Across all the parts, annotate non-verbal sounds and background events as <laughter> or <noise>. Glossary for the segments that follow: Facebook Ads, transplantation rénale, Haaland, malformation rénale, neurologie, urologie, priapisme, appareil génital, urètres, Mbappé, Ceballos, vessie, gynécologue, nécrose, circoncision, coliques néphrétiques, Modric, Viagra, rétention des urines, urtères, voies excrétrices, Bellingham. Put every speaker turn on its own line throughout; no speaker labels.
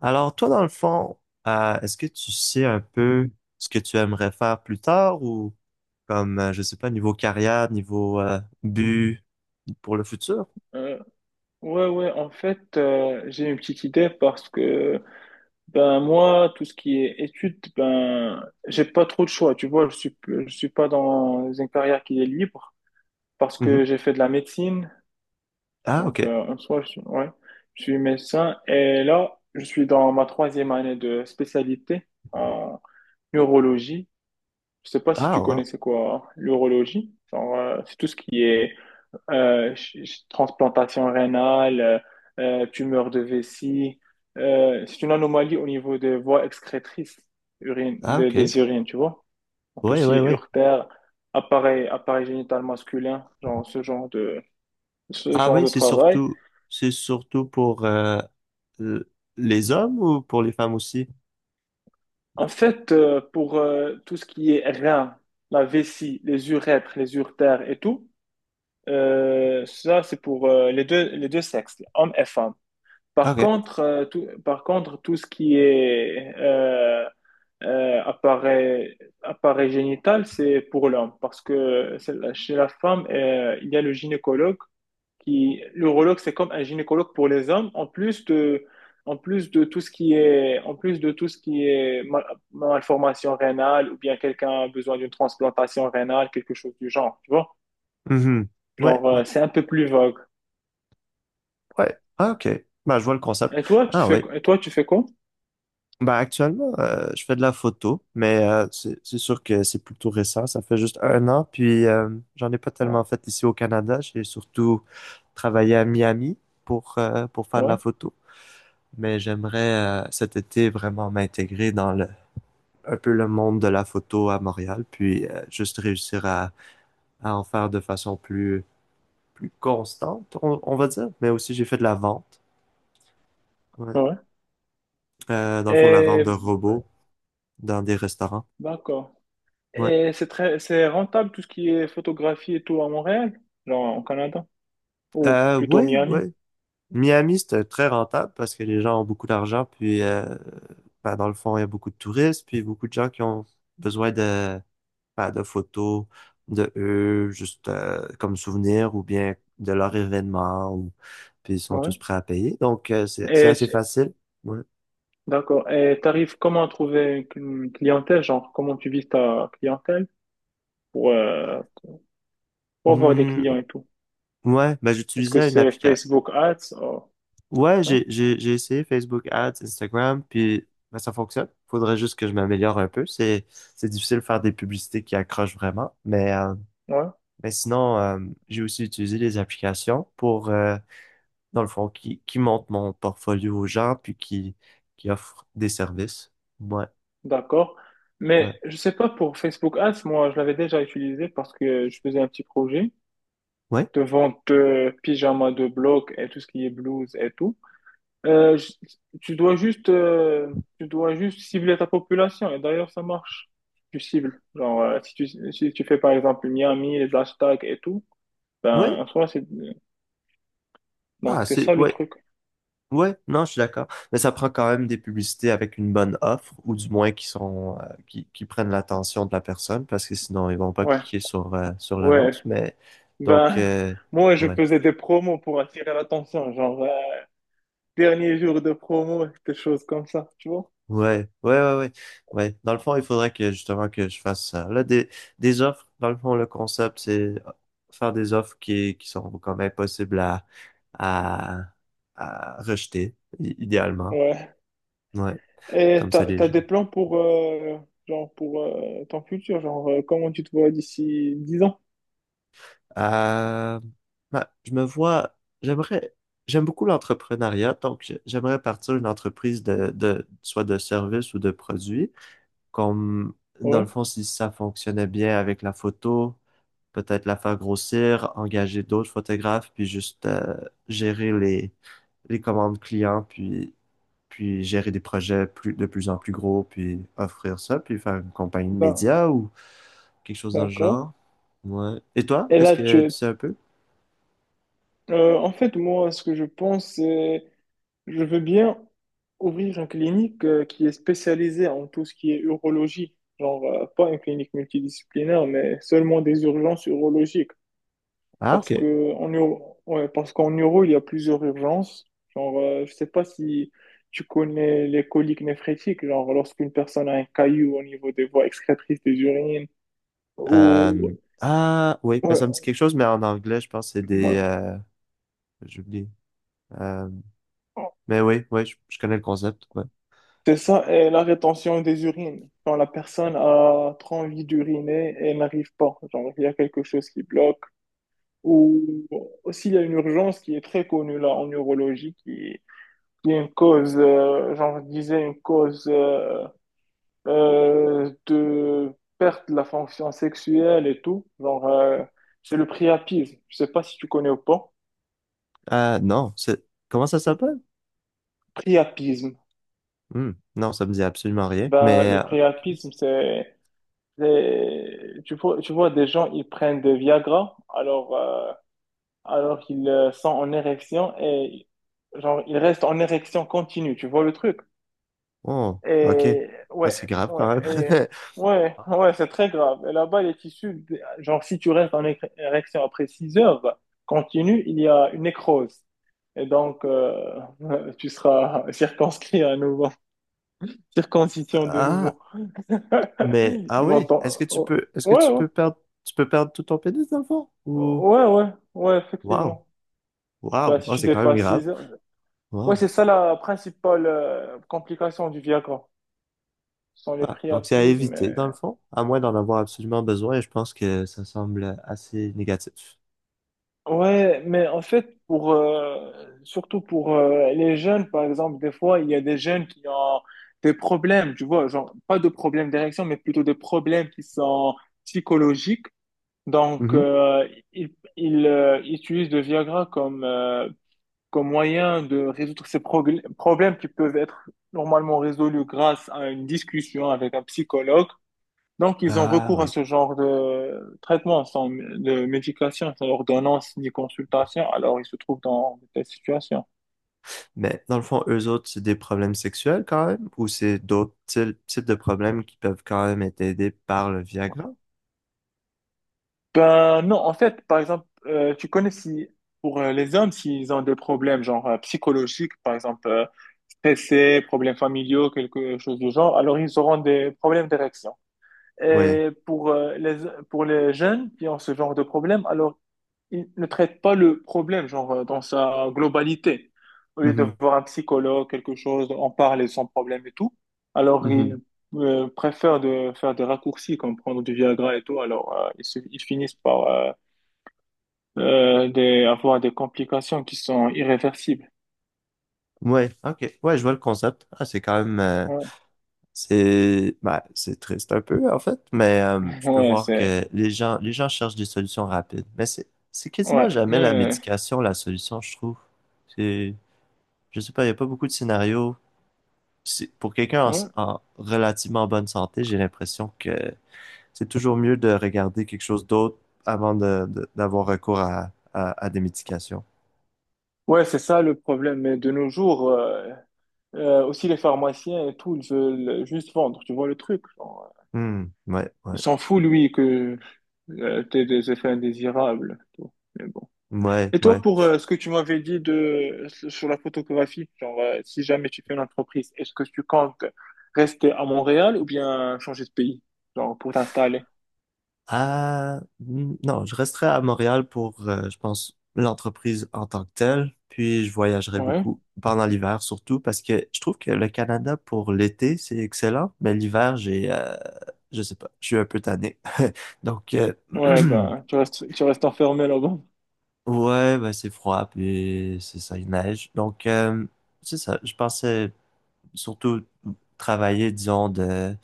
Alors, toi, dans le fond, est-ce que tu sais un peu ce que tu aimerais faire plus tard ou comme, je sais pas, niveau carrière, niveau but pour le futur?
Euh, ouais, ouais, en fait, j'ai une petite idée parce que, ben, moi, tout ce qui est études, ben, j'ai pas trop de choix, tu vois, je suis pas dans une carrière qui est libre parce
Mhm.
que j'ai fait de la médecine,
Ah,
donc,
ok.
en soi, ouais, je suis médecin et là, je suis dans ma troisième année de spécialité en neurologie. Je sais pas si
Ah,
tu connais
wow.
c'est quoi, hein, l'urologie. Alors, c'est tout ce qui est transplantation rénale, tumeur de vessie. C'est une anomalie au niveau des voies excrétrices urine,
Ah,
des,
ok.
des urines, tu vois. Donc, tout
Oui,
ce qui
oui,
est
oui.
urtère, appareil génital masculin, genre ce genre de, ce
Ah
genre
oui,
de travail.
c'est surtout pour l- les hommes ou pour les femmes aussi?
En fait, pour tout ce qui est rein, la vessie, les urètres, les urtères et tout, ça, c'est pour les deux sexes, hommes et femmes. Par
OK.
contre, tout ce qui est euh, appareil, appareil génital, c'est pour l'homme. Parce que chez la femme, il y a le gynécologue qui, l'urologue, c'est comme un gynécologue pour les hommes. En plus de tout ce qui est malformation rénale ou bien quelqu'un a besoin d'une transplantation rénale, quelque chose du genre, tu vois?
Mhm. Ouais,
Genre,
ouais,
c'est un peu plus vague.
ouais. Ah, OK. Ben, je vois le
Et
concept.
toi,
Ah oui.
tu fais quoi?
Ben actuellement, je fais de la photo, mais c'est sûr que c'est plutôt récent. Ça fait juste un an, puis j'en ai pas
Ouais,
tellement fait ici au Canada. J'ai surtout travaillé à Miami pour faire de la
ouais,
photo. Mais j'aimerais cet été vraiment m'intégrer dans le un peu le monde de la photo à Montréal, puis juste réussir à en faire de façon plus constante, on va dire. Mais aussi j'ai fait de la vente, ouais.
ouais.
Dans le fond la vente
Et
de robots dans des restaurants,
d'accord.
ouais.
Et c'est rentable tout ce qui est photographie et tout à Montréal, genre au Canada, ou plutôt
Oui,
Miami.
Miami, c'est très rentable parce que les gens ont beaucoup d'argent, puis ben, dans le fond, il y a beaucoup de touristes, puis beaucoup de gens qui ont besoin de, ben, de photos de eux, juste comme souvenir, ou bien de leur événement, ou, puis ils sont
Ouais.
tous prêts à payer. Donc, c'est
Et
assez facile. Ouais.
d'accord. Et t'arrives comment à trouver une clientèle, genre comment tu vises ta clientèle pour, euh, pour avoir des
Hmm,
clients et tout?
ouais ben,
Est-ce que
j'utilisais une
c'est
application.
Facebook Ads? Oh,
Ouais,
non?
j'ai essayé Facebook Ads, Instagram, puis ben, ça fonctionne. Faudrait juste que je m'améliore un peu. C'est difficile de faire des publicités qui accrochent vraiment, mais
Ouais,
mais sinon, j'ai aussi utilisé des applications pour, dans le fond, qui montrent mon portfolio aux gens, qui offrent des services. Ouais,
d'accord. Mais
ouais,
je sais pas pour Facebook Ads, moi, je l'avais déjà utilisé parce que je faisais un petit projet
ouais,
de vente de pyjamas de bloc et tout ce qui est blouse et tout. Euh, je- tu dois juste, cibler ta population et d'ailleurs, ça marche. Tu cibles. Genre, si tu fais par exemple Miami, les hashtags et tout, ben,
ouais.
en soi, donc
Ah,
c'est
c'est,
ça le
ouais,
truc.
ouais, non, je suis d'accord. Mais ça prend quand même des publicités avec une bonne offre, ou du moins qui sont, qui prennent l'attention de la personne, parce que sinon, ils vont pas
Ouais.
cliquer sur, sur
Ouais,
l'annonce. Mais, donc,
ben, moi, je
ouais.
faisais des promos pour attirer l'attention, genre dernier jour de promo, des choses comme ça, tu vois.
Ouais, ouais, ouais, ouais, ouais. Dans le fond, il faudrait que justement que je fasse ça. Là, des offres, dans le fond, le concept, c'est faire des offres qui sont quand même possibles à, à, rejeter, idéalement.
Ouais.
Ouais,
Et
comme ça,
t'as,
les
t'as
gens.
des plans pour ton futur, genre comment tu te vois d'ici 10 ans?
Euh, bah, j'aimerais, j'aime beaucoup l'entrepreneuriat, donc j'aimerais partir une entreprise de, soit de service ou de produit, comme, dans le
Ouais,
fond, si ça fonctionnait bien avec la photo. Peut-être la faire grossir, engager d'autres photographes, puis juste gérer les commandes clients, puis, puis gérer des projets de plus en plus gros, puis offrir ça, puis faire une compagnie de
d'a-
médias ou quelque chose dans le
d'accord.
genre. Ouais. Et toi,
Et
est-ce
là,
que tu sais un peu?
en fait, moi, ce que je pense, c'est je veux bien ouvrir une clinique qui est spécialisée en tout ce qui est urologie, genre pas une clinique multidisciplinaire, mais seulement des urgences urologiques.
Ah,
Parce
ok.
que en euro, ouais, parce qu'en euro, il y a plusieurs urgences. Genre, je sais pas si tu connais les coliques néphrétiques, genre lorsqu'une personne a un caillou au niveau des voies excrétrices des urines. Ou
Euh, ah, oui, mais ça me dit
Ouais,
quelque chose, mais en anglais, je pense que c'est des...
ouais.
j'ai oublié. Euh, mais oui, oui, je connais le concept.
C'est ça, et la rétention des urines. Quand la personne a trop envie d'uriner et n'arrive pas, genre il y a quelque chose qui bloque. Ou aussi, il y a une urgence qui est très connue là en neurologie qui est une cause, genre je disais, une cause de perte de la fonction sexuelle et tout. Genre, c'est le priapisme. Je sais pas si tu connais ou pas.
Non, c'est... Comment ça s'appelle?
Priapisme.
Hmm, non, ça me dit absolument rien.
Ben,
Mais...
le
ok.
priapisme, tu vois, des gens, ils prennent des Viagra, alors qu'ils sont en érection et, genre, ils restent en érection continue. Tu vois le truc?
Oh, ok.
Et
Ah,
ouais,
c'est grave quand
ouais,
même.
et-
<laughs>
ouais, ouais, c'est très grave. Et là-bas, les tissus, genre si tu restes en érection après 6 heures, bah, continue, il y a une nécrose. Et donc, <laughs> tu seras circonscrit à nouveau, <laughs> circoncision de
Ah,
nouveau. <laughs>
mais... Ah oui, est-ce que tu
Oh,
peux... Est-ce que
ouais,
tu
ouais,
peux perdre... Tu peux perdre tout ton pénis dans le fond? Ou...
ouais, ouais, ouais,
Wow.
effectivement. Bah,
Wow.
si
Oh,
tu
c'est quand même
dépasses
grave.
6 heures. Ouais,
Wow.
c'est ça la principale complication du Viagra. Ce sont les
Ah, donc c'est à
priapismes.
éviter, dans le fond, à moins d'en avoir absolument besoin, et je pense que ça semble assez négatif.
Ouais, mais en fait, surtout pour les jeunes, par exemple, des fois, il y a des jeunes qui ont des problèmes, tu vois, genre, pas de problèmes d'érection, mais plutôt des problèmes qui sont psychologiques. Donc,
Mhm.
ils utilisent le Viagra comme moyen de résoudre ces problèmes qui peuvent être normalement résolus grâce à une discussion avec un psychologue. Donc, ils ont
Ah
recours à
oui.
ce genre de traitement sans de médication, sans ordonnance ni consultation. Alors, ils se trouvent dans de telles situations.
Mais dans le fond, eux autres, c'est des problèmes sexuels quand même, ou c'est d'autres types de problèmes qui peuvent quand même être aidés par le Viagra?
Ben non, en fait, par exemple, tu connais si pour les hommes, s'ils ont des problèmes genre psychologiques, par exemple stressés, problèmes familiaux, quelque chose du genre, alors ils auront des problèmes d'érection.
Ouais.
Et pour les jeunes qui ont ce genre de problème, alors ils ne traitent pas le problème genre dans sa globalité. Au lieu de
Mhm.
voir un psychologue, quelque chose, en parler sans problème et tout, alors ils
Mhm.
préfèrent de faire des raccourcis comme prendre du Viagra et tout, alors ils finissent par avoir des complications qui sont irréversibles.
Ouais, ok. Ouais, je vois le concept. Ah, c'est quand même.
Ouais,
C'est bah, c'est triste un peu, en fait, mais
<laughs>
je peux
ouais,
voir
c'est
que les gens cherchent des solutions rapides. Mais c'est quasiment
ouais, mais
jamais la médication la solution, je trouve. C'est, je sais pas, il n'y a pas beaucoup de scénarios. Pour quelqu'un
ouais,
en relativement bonne santé, j'ai l'impression que c'est toujours mieux de regarder quelque chose d'autre avant d'avoir recours à, à des médications.
ouais, c'est ça le problème. Mais de nos jours, aussi les pharmaciens et tout, ils veulent juste vendre, tu vois le truc. Genre.
Hmm, ouais, ouais,
Il s'en foutent lui, que t'aies des effets indésirables. Tu vois. Mais bon.
ouais,
Et toi,
ouais.
pour ce que tu m'avais dit sur la photographie, genre, si jamais tu fais une entreprise, est-ce que tu comptes rester à Montréal ou bien changer de pays, genre, pour t'installer?
Non, je resterai à Montréal pour, je pense, l'entreprise en tant que telle, puis je voyagerai
Ouais,
beaucoup pendant l'hiver surtout parce que je trouve que le Canada pour l'été, c'est excellent, mais l'hiver, j'ai, je sais pas, je suis un peu tanné. <laughs> Donc,
ouais,
<clears throat>
ben, tu restes enfermé là-bas.
ouais, ben, c'est froid, puis c'est ça, il neige. Donc, c'est ça, je pensais surtout travailler, disons, de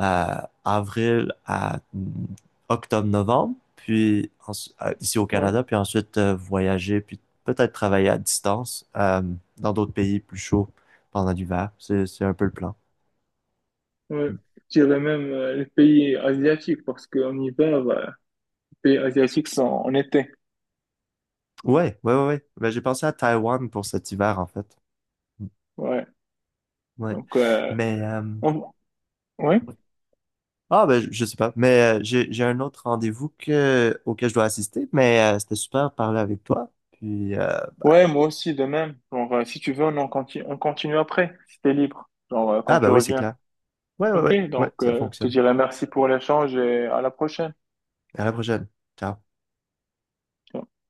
euh, avril à mm, octobre-novembre, ici au
Ouais,
Canada, puis ensuite voyager, puis peut-être travailler à distance dans d'autres pays plus chauds pendant l'hiver. C'est un peu le plan.
ouais. Je dirais même les pays asiatiques, parce qu'en hiver, bah, les pays asiatiques sont en été.
Ouais, ouais, ouais, ouais. Ben, j'ai pensé à Taïwan pour cet hiver, en fait. Mm.
Ouais.
Ouais.
Donc,
Mais,
on- ouais.
ouais. Ah, ben, je sais pas. Mais j'ai un autre rendez-vous auquel je dois assister, mais c'était super de parler avec toi. Puis,
Ouais, moi aussi, de même. Genre, si tu veux, on continue après, si t'es libre, genre, quand
ah, ben
tu
oui, c'est
reviens.
clair. Ouais, ouais,
Ok,
ouais, ouais,
donc,
ça
je te
fonctionne.
dirai merci pour l'échange et à la prochaine.
À la prochaine. Ciao.